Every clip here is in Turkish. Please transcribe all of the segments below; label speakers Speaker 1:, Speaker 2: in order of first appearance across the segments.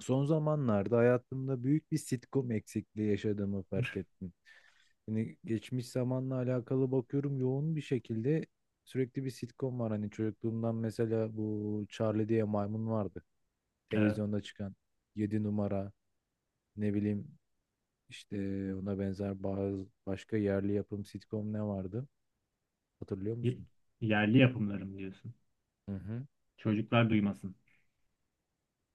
Speaker 1: Son zamanlarda hayatımda büyük bir sitcom eksikliği yaşadığımı fark ettim. Hani geçmiş zamanla alakalı bakıyorum yoğun bir şekilde sürekli bir sitcom var. Hani çocukluğumdan mesela bu Charlie diye maymun vardı.
Speaker 2: Evet.
Speaker 1: Televizyonda çıkan 7 numara, ne bileyim işte ona benzer bazı başka yerli yapım sitcom ne vardı? Hatırlıyor
Speaker 2: Y-
Speaker 1: musun?
Speaker 2: Yerli yapımlarım diyorsun.
Speaker 1: Hı hı.
Speaker 2: Çocuklar duymasın.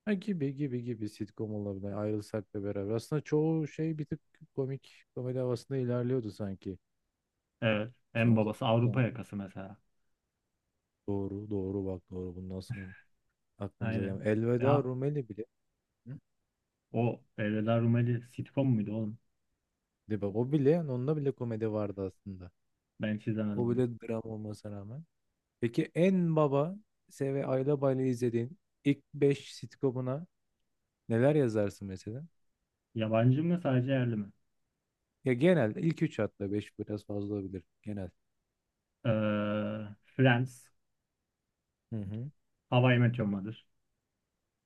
Speaker 1: Ha, gibi gibi gibi sitcom olabilir. Ayrılsak da beraber. Aslında çoğu şey bir tık komik, komedi havasında ilerliyordu sanki.
Speaker 2: Evet. En
Speaker 1: Son
Speaker 2: babası Avrupa
Speaker 1: zamanlarda.
Speaker 2: yakası mesela.
Speaker 1: Doğru, doğru bak, doğru. Bundan nasıl aklımıza
Speaker 2: Aynen.
Speaker 1: gelmiyor. Elveda
Speaker 2: Ya,
Speaker 1: Rumeli bile. Hı?
Speaker 2: o Elveda Rumeli sitcom muydu oğlum?
Speaker 1: De bak, o bile, yani onda bile komedi vardı aslında.
Speaker 2: Ben hiç izlemedim
Speaker 1: O
Speaker 2: onu.
Speaker 1: bile dram olmasına rağmen. Peki en baba Se ve Ayla Bayla izlediğin ilk 5 sitcomuna neler yazarsın mesela?
Speaker 2: Yabancı mı sadece yerli mi?
Speaker 1: Ya, genel ilk 3 hatta 5 biraz fazla olabilir. Genel.
Speaker 2: Ee, Friends.
Speaker 1: Hı hı.
Speaker 2: How I Met Your Mother.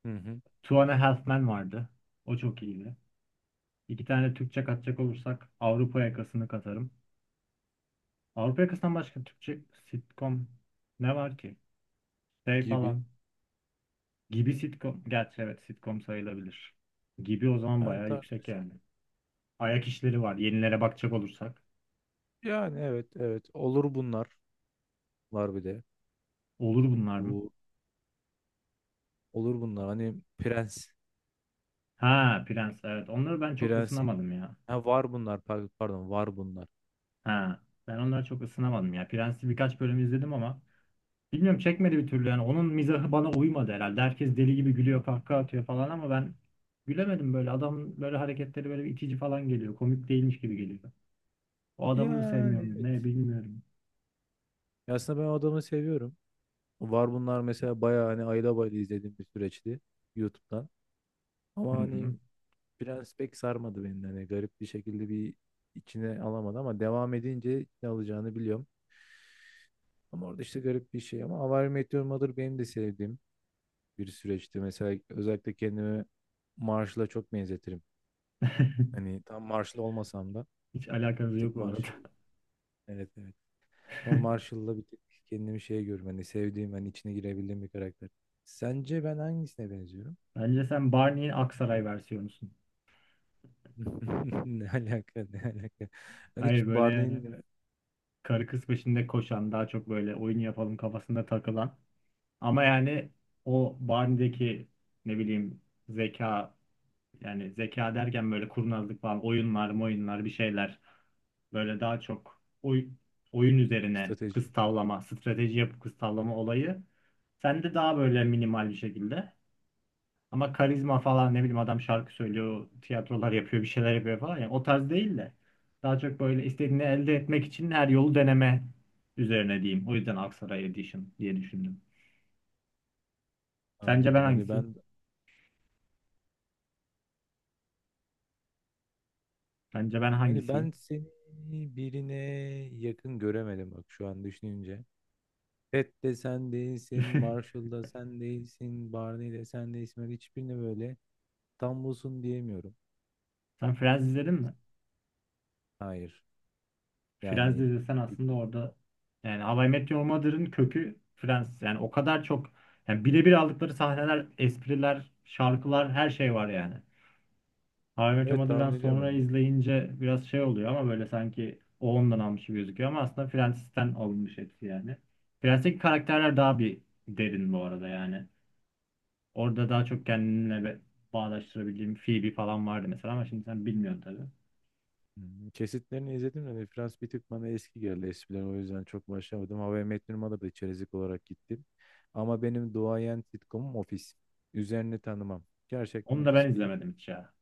Speaker 1: Hı hı.
Speaker 2: Two and a Half Men vardı. O çok iyiydi. İki tane Türkçe katacak olursak Avrupa yakasını katarım. Avrupa yakasından başka Türkçe sitcom ne var ki? Şey
Speaker 1: Gibi.
Speaker 2: falan. Gibi sitcom. Gerçi evet sitcom sayılabilir. Gibi o zaman
Speaker 1: Yani
Speaker 2: bayağı yüksek
Speaker 1: tartışılır.
Speaker 2: yani. Ayak işleri var. Yenilere bakacak olursak.
Speaker 1: Yani evet, evet. Olur bunlar var bir de.
Speaker 2: Olur bunlar mı?
Speaker 1: Bu, olur bunlar. Hani prens.
Speaker 2: Ha, Prens evet. Onları ben çok
Speaker 1: Prensin.
Speaker 2: ısınamadım ya.
Speaker 1: Ha, var bunlar pardon, var bunlar.
Speaker 2: Ha, ben onları çok ısınamadım ya. Prens'i birkaç bölüm izledim ama bilmiyorum çekmedi bir türlü yani. Onun mizahı bana uymadı herhalde. Herkes deli gibi gülüyor, kahkaha atıyor falan ama ben gülemedim böyle. Adamın böyle hareketleri böyle bir itici falan geliyor. Komik değilmiş gibi geliyor. O adamı mı
Speaker 1: Yani
Speaker 2: sevmiyorum
Speaker 1: evet.
Speaker 2: ne bilmiyorum.
Speaker 1: Ya, aslında ben o adamı seviyorum. Var bunlar mesela bayağı hani ayda bayda izlediğim bir süreçti YouTube'dan.
Speaker 2: Hı
Speaker 1: Ama
Speaker 2: hı.
Speaker 1: hani Prens pek sarmadı beni. Hani garip bir şekilde bir içine alamadı ama devam edince ne alacağını biliyorum. Ama orada işte garip bir şey. Ama How I Met Your Mother benim de sevdiğim bir süreçti. Mesela özellikle kendimi Marshall'a çok benzetirim. Hani tam Marshall olmasam da
Speaker 2: Hiç alakanız
Speaker 1: bir
Speaker 2: yok
Speaker 1: tık
Speaker 2: bu arada.
Speaker 1: Marshall. Evet, evet. Ama Marshall'la bir tık kendimi şey görüyorum. Hani sevdiğim, hani içine girebildiğim bir karakter. Sence ben hangisine benziyorum?
Speaker 2: Bence sen Barney'in Aksaray versiyonusun.
Speaker 1: Ne alaka, ne alaka? Ben
Speaker 2: Hayır
Speaker 1: hiç
Speaker 2: böyle yani
Speaker 1: Barney'nin
Speaker 2: karı kız peşinde koşan, daha çok böyle oyun yapalım kafasında takılan. Ama yani o Barney'deki ne bileyim zeka, yani zeka derken böyle kurnazlık falan, oyunlar, oyunlar bir şeyler. Böyle daha çok oyun üzerine
Speaker 1: strateji
Speaker 2: kız tavlama, strateji yapıp kız tavlama olayı. Sen de daha böyle minimal bir şekilde. Ama karizma falan ne bileyim adam şarkı söylüyor, tiyatrolar yapıyor, bir şeyler yapıyor falan. Yani o tarz değil de daha çok böyle istediğini elde etmek için her yolu deneme üzerine diyeyim. O yüzden Aksaray Edition diye düşündüm. Sence ben
Speaker 1: anladım. Hani
Speaker 2: hangisiyim?
Speaker 1: ben
Speaker 2: Bence ben
Speaker 1: yani ben
Speaker 2: hangisiyim?
Speaker 1: seni birine yakın göremedim bak, şu an düşününce. Ted de sen değilsin, Marshall da sen değilsin, Barney de sen değilsin. Ben hiçbirine böyle tam busun diyemiyorum.
Speaker 2: Sen Friends izledin mi?
Speaker 1: Hayır.
Speaker 2: Friends
Speaker 1: Yani
Speaker 2: izlesen
Speaker 1: bir-
Speaker 2: aslında orada yani How I Met Your Mother'ın kökü Friends. Yani o kadar çok yani birebir aldıkları sahneler, espriler, şarkılar her şey var yani. How I Met Your
Speaker 1: evet,
Speaker 2: Mother'dan
Speaker 1: tahmin ediyorum
Speaker 2: sonra
Speaker 1: hani.
Speaker 2: izleyince biraz şey oluyor ama böyle sanki o ondan almış gibi gözüküyor ama aslında Friends'ten alınmış hepsi yani. Friends'teki karakterler daha bir derin bu arada yani. Orada daha çok kendimle bağdaştırabildiğim Phoebe falan vardı mesela ama şimdi sen bilmiyorsun tabii.
Speaker 1: Kesitlerini izledim de Frans bir tık bana eski geldi eskiden, o yüzden çok başlamadım. How I Met Your Mother'da da içerik olarak gittim. Ama benim duayen sitcomum Office. Üzerini tanımam. Gerçekten
Speaker 2: Onu da
Speaker 1: Office
Speaker 2: ben
Speaker 1: bir
Speaker 2: izlemedim hiç ya.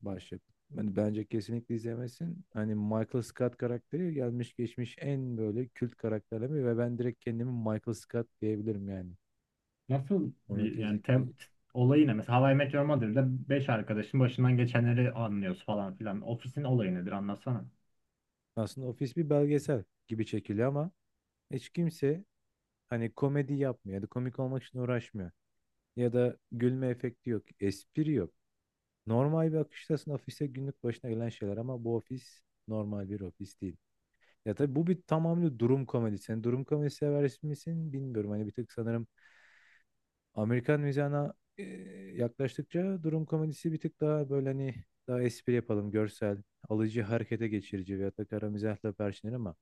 Speaker 1: başyapıt. Yani bence kesinlikle izlemesin. Hani Michael Scott karakteri gelmiş geçmiş en böyle kült karakterleme ve ben direkt kendimi Michael Scott diyebilirim yani.
Speaker 2: Nasıl
Speaker 1: Onu
Speaker 2: bir- yani
Speaker 1: kesinlikle,
Speaker 2: tem, t- olayı ne? Mesela How I Met Your Mother'da 5 arkadaşın başından geçenleri anlıyoruz falan filan. Ofis'in olayı nedir anlatsana.
Speaker 1: aslında Office bir belgesel gibi çekiliyor ama hiç kimse hani komedi yapmıyor ya da komik olmak için uğraşmıyor. Ya da gülme efekti yok, espri yok. Normal bir akıştasın, ofise günlük başına gelen şeyler ama bu ofis normal bir ofis değil. Ya tabii bu bir tamamıyla durum komedisi. Yani durum komedisi sever misin bilmiyorum. Hani bir tık sanırım Amerikan mizahına yaklaştıkça durum komedisi bir tık daha böyle hani daha espri yapalım, görsel, alıcı harekete geçirici veya da kara mizahla perçinler ama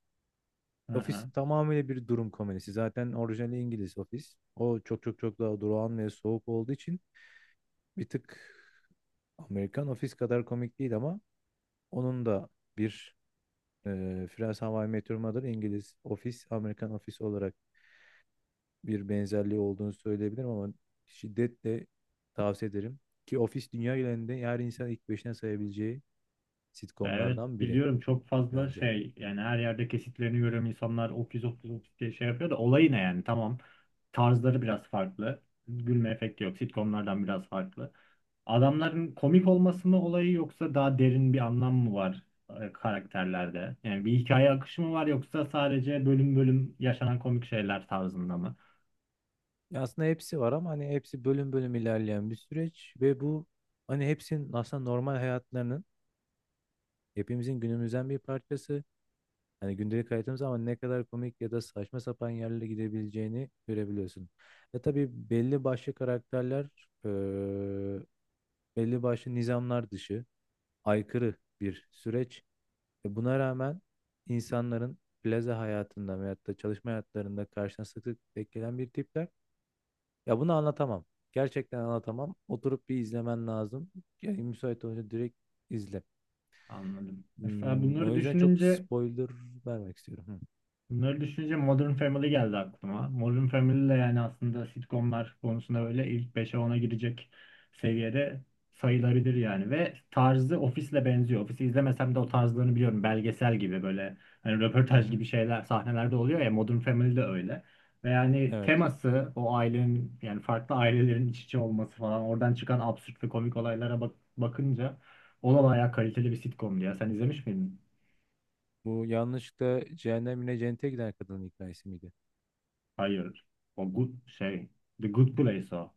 Speaker 2: Hı
Speaker 1: Office
Speaker 2: hı.
Speaker 1: tamamıyla bir durum komedisi. Zaten orijinali İngiliz Office. O çok çok çok daha durağan ve soğuk olduğu için bir tık Amerikan Office kadar komik değil ama onun da bir e, Friends, How I Met Your Mother, İngiliz Office, Amerikan Office olarak bir benzerliği olduğunu söyleyebilirim ama şiddetle tavsiye ederim. Ki Office dünya genelinde yer, insan ilk beşine sayabileceği
Speaker 2: Ya evet
Speaker 1: sitcomlardan biri
Speaker 2: biliyorum çok fazla
Speaker 1: bence.
Speaker 2: şey yani her yerde kesitlerini görüyorum, insanlar okuz okuz okuz diye şey yapıyor da olay ne yani. Tamam, tarzları biraz farklı, gülme efekti yok sitcomlardan biraz farklı, adamların komik olması mı olayı yoksa daha derin bir anlam mı var karakterlerde, yani bir hikaye akışı mı var yoksa sadece bölüm bölüm yaşanan komik şeyler tarzında mı?
Speaker 1: Ya, aslında hepsi var ama hani hepsi bölüm bölüm ilerleyen bir süreç ve bu hani hepsinin aslında normal hayatlarının, hepimizin günümüzden bir parçası. Hani gündelik hayatımız ama ne kadar komik ya da saçma sapan yerlere gidebileceğini görebiliyorsun. Ve tabii belli başlı karakterler, eee, belli başlı nizamlar dışı, aykırı bir süreç. Ve buna rağmen insanların plaza hayatında veyahut da çalışma hayatlarında karşına sık sık denk gelen bir tipler. Ya bunu anlatamam. Gerçekten anlatamam. Oturup bir izlemen lazım. Yani müsait olunca direkt izle.
Speaker 2: Anladım. Mesela bunları
Speaker 1: O yüzden çok
Speaker 2: düşününce,
Speaker 1: spoiler vermek istiyorum.
Speaker 2: bunları düşününce Modern Family geldi aklıma. Modern Family de yani aslında sitcomlar konusunda böyle ilk beşe ona girecek seviyede sayılarıdır yani. Ve tarzı Office'le benziyor. Office'i izlemesem de o tarzlarını biliyorum. Belgesel gibi böyle hani
Speaker 1: Hı hı.
Speaker 2: röportaj
Speaker 1: Hı.
Speaker 2: gibi şeyler sahnelerde oluyor ya, Modern Family de öyle. Ve yani
Speaker 1: Evet.
Speaker 2: teması o ailenin, yani farklı ailelerin iç içe olması falan, oradan çıkan absürt ve komik olaylara bak, bakınca o da bayağı kaliteli bir sitcomdu ya. Sen izlemiş miydin?
Speaker 1: Bu yanlışlıkla cehennemine, cennete giden kadının hikayesi miydi?
Speaker 2: Hayır. O good şey. The Good Place o.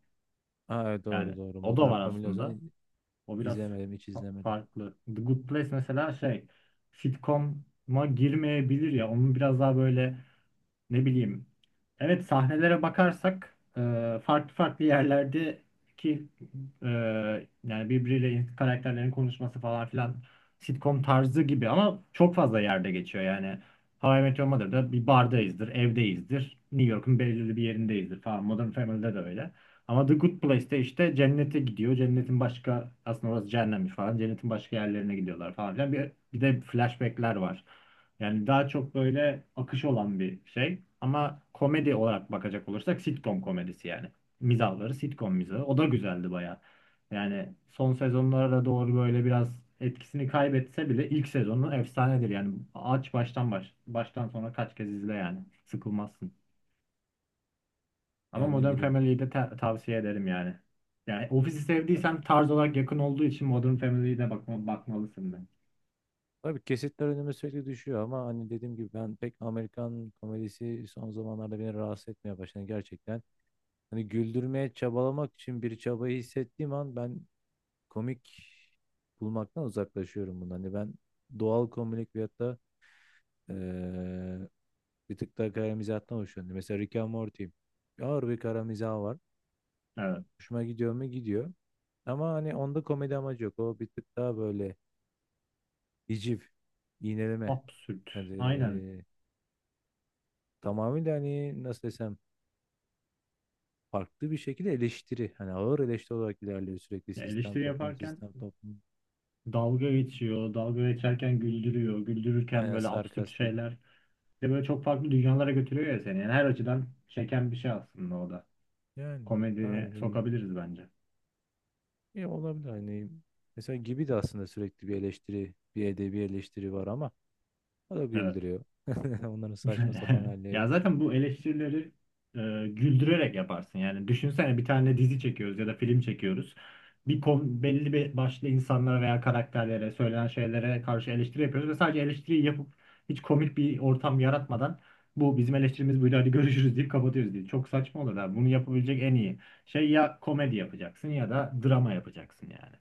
Speaker 1: Aa, evet,
Speaker 2: Yani
Speaker 1: doğru doğru.
Speaker 2: o da
Speaker 1: Modern
Speaker 2: var
Speaker 1: Family o
Speaker 2: aslında.
Speaker 1: zaman
Speaker 2: O biraz
Speaker 1: izlemedim, hiç izlemedim.
Speaker 2: farklı. The Good Place mesela şey sitcom'a girmeyebilir ya. Onun biraz daha böyle ne bileyim. Evet sahnelere bakarsak farklı farklı yerlerdeki, e, yani birbiriyle karakterlerin konuşması falan filan sitcom tarzı gibi ama çok fazla yerde geçiyor yani. How I Met Your Mother'da bir bardayızdır, evdeyizdir, New York'un belirli bir yerindeyizdir falan. Modern Family'de de öyle. Ama The Good Place'te işte cennete gidiyor. Cennetin başka, aslında orası cehennemmiş falan. Cennetin başka yerlerine gidiyorlar falan filan. Bir de flashback'ler var. Yani daha çok böyle akış olan bir şey. Ama komedi olarak bakacak olursak sitcom komedisi yani. Mizahları sitcom mizahı. O da güzeldi bayağı. Yani son sezonlara doğru böyle biraz etkisini kaybetse bile ilk sezonu efsanedir. Yani aç baştan baş. Baştan sonra kaç kez izle yani. Sıkılmazsın. Ama
Speaker 1: Yani ne
Speaker 2: Modern
Speaker 1: bileyim.
Speaker 2: Family'yi de tavsiye ederim yani. Yani Office'i
Speaker 1: Ya,
Speaker 2: sevdiysen tarz olarak yakın olduğu için Modern Family'ye de bakmalısın ben.
Speaker 1: tabii kesitler önüme sürekli düşüyor ama hani dediğim gibi ben pek Amerikan komedisi son zamanlarda beni rahatsız etmeye başladı gerçekten. Hani güldürmeye çabalamak için bir çabayı hissettiğim an ben komik bulmaktan uzaklaşıyorum bundan. Hani ben doğal komik veyahut da eee, bir tık daha kara mizahtan hoşlanıyorum. Mesela Rick and Morty. Ağır bir kara mizah var.
Speaker 2: Evet.
Speaker 1: Hoşuma gidiyor mu? Gidiyor. Ama hani onda komedi amacı yok. O bir tık daha böyle hiciv, iğneleme.
Speaker 2: Absürt.
Speaker 1: Hani
Speaker 2: Aynen.
Speaker 1: tamamıyla, hani nasıl desem, farklı bir şekilde eleştiri. Hani ağır eleştiri olarak ilerliyor sürekli,
Speaker 2: Ya
Speaker 1: sistem,
Speaker 2: eleştiri
Speaker 1: toplum,
Speaker 2: yaparken
Speaker 1: sistem, toplum.
Speaker 2: dalga geçiyor. Dalga geçerken güldürüyor. Güldürürken
Speaker 1: Aynen,
Speaker 2: böyle absürt
Speaker 1: sarkastik.
Speaker 2: şeyler. Bir de böyle çok farklı dünyalara götürüyor ya seni. Yani her açıdan çeken bir şey aslında o da.
Speaker 1: Yani
Speaker 2: Komediye
Speaker 1: hani, hani
Speaker 2: sokabiliriz bence.
Speaker 1: e, olabilir hani mesela Gibi de aslında sürekli bir eleştiri, bir edebi eleştiri var ama o da
Speaker 2: Evet.
Speaker 1: güldürüyor. Onların saçma sapan
Speaker 2: Ya
Speaker 1: halleri.
Speaker 2: zaten bu eleştirileri e, güldürerek yaparsın. Yani düşünsene bir tane dizi çekiyoruz ya da film çekiyoruz. Belli bir başlı insanlara veya karakterlere, söylenen şeylere karşı eleştiri yapıyoruz ve sadece eleştiriyi yapıp hiç komik bir ortam yaratmadan bu bizim eleştirimiz buydu hadi görüşürüz deyip kapatıyoruz diye. Çok saçma olur da, bunu yapabilecek en iyi şey ya komedi yapacaksın ya da drama yapacaksın yani.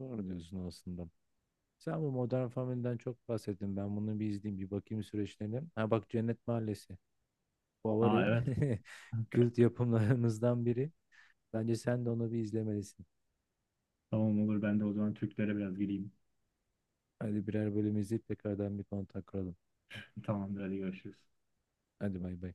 Speaker 1: Doğru diyorsun aslında. Sen bu Modern Family'den çok bahsettin. Ben bunu bir izleyeyim, bir bakayım süreçlerine. Ha bak, Cennet Mahallesi.
Speaker 2: Aa
Speaker 1: Favori
Speaker 2: evet.
Speaker 1: kült yapımlarımızdan biri. Bence sen de onu bir izlemelisin.
Speaker 2: Tamam olur, ben de o zaman Türklere biraz gireyim.
Speaker 1: Hadi birer bölüm izleyip tekrardan bir kontak kuralım.
Speaker 2: Tamamdır, hadi görüşürüz.
Speaker 1: Hadi bay bay.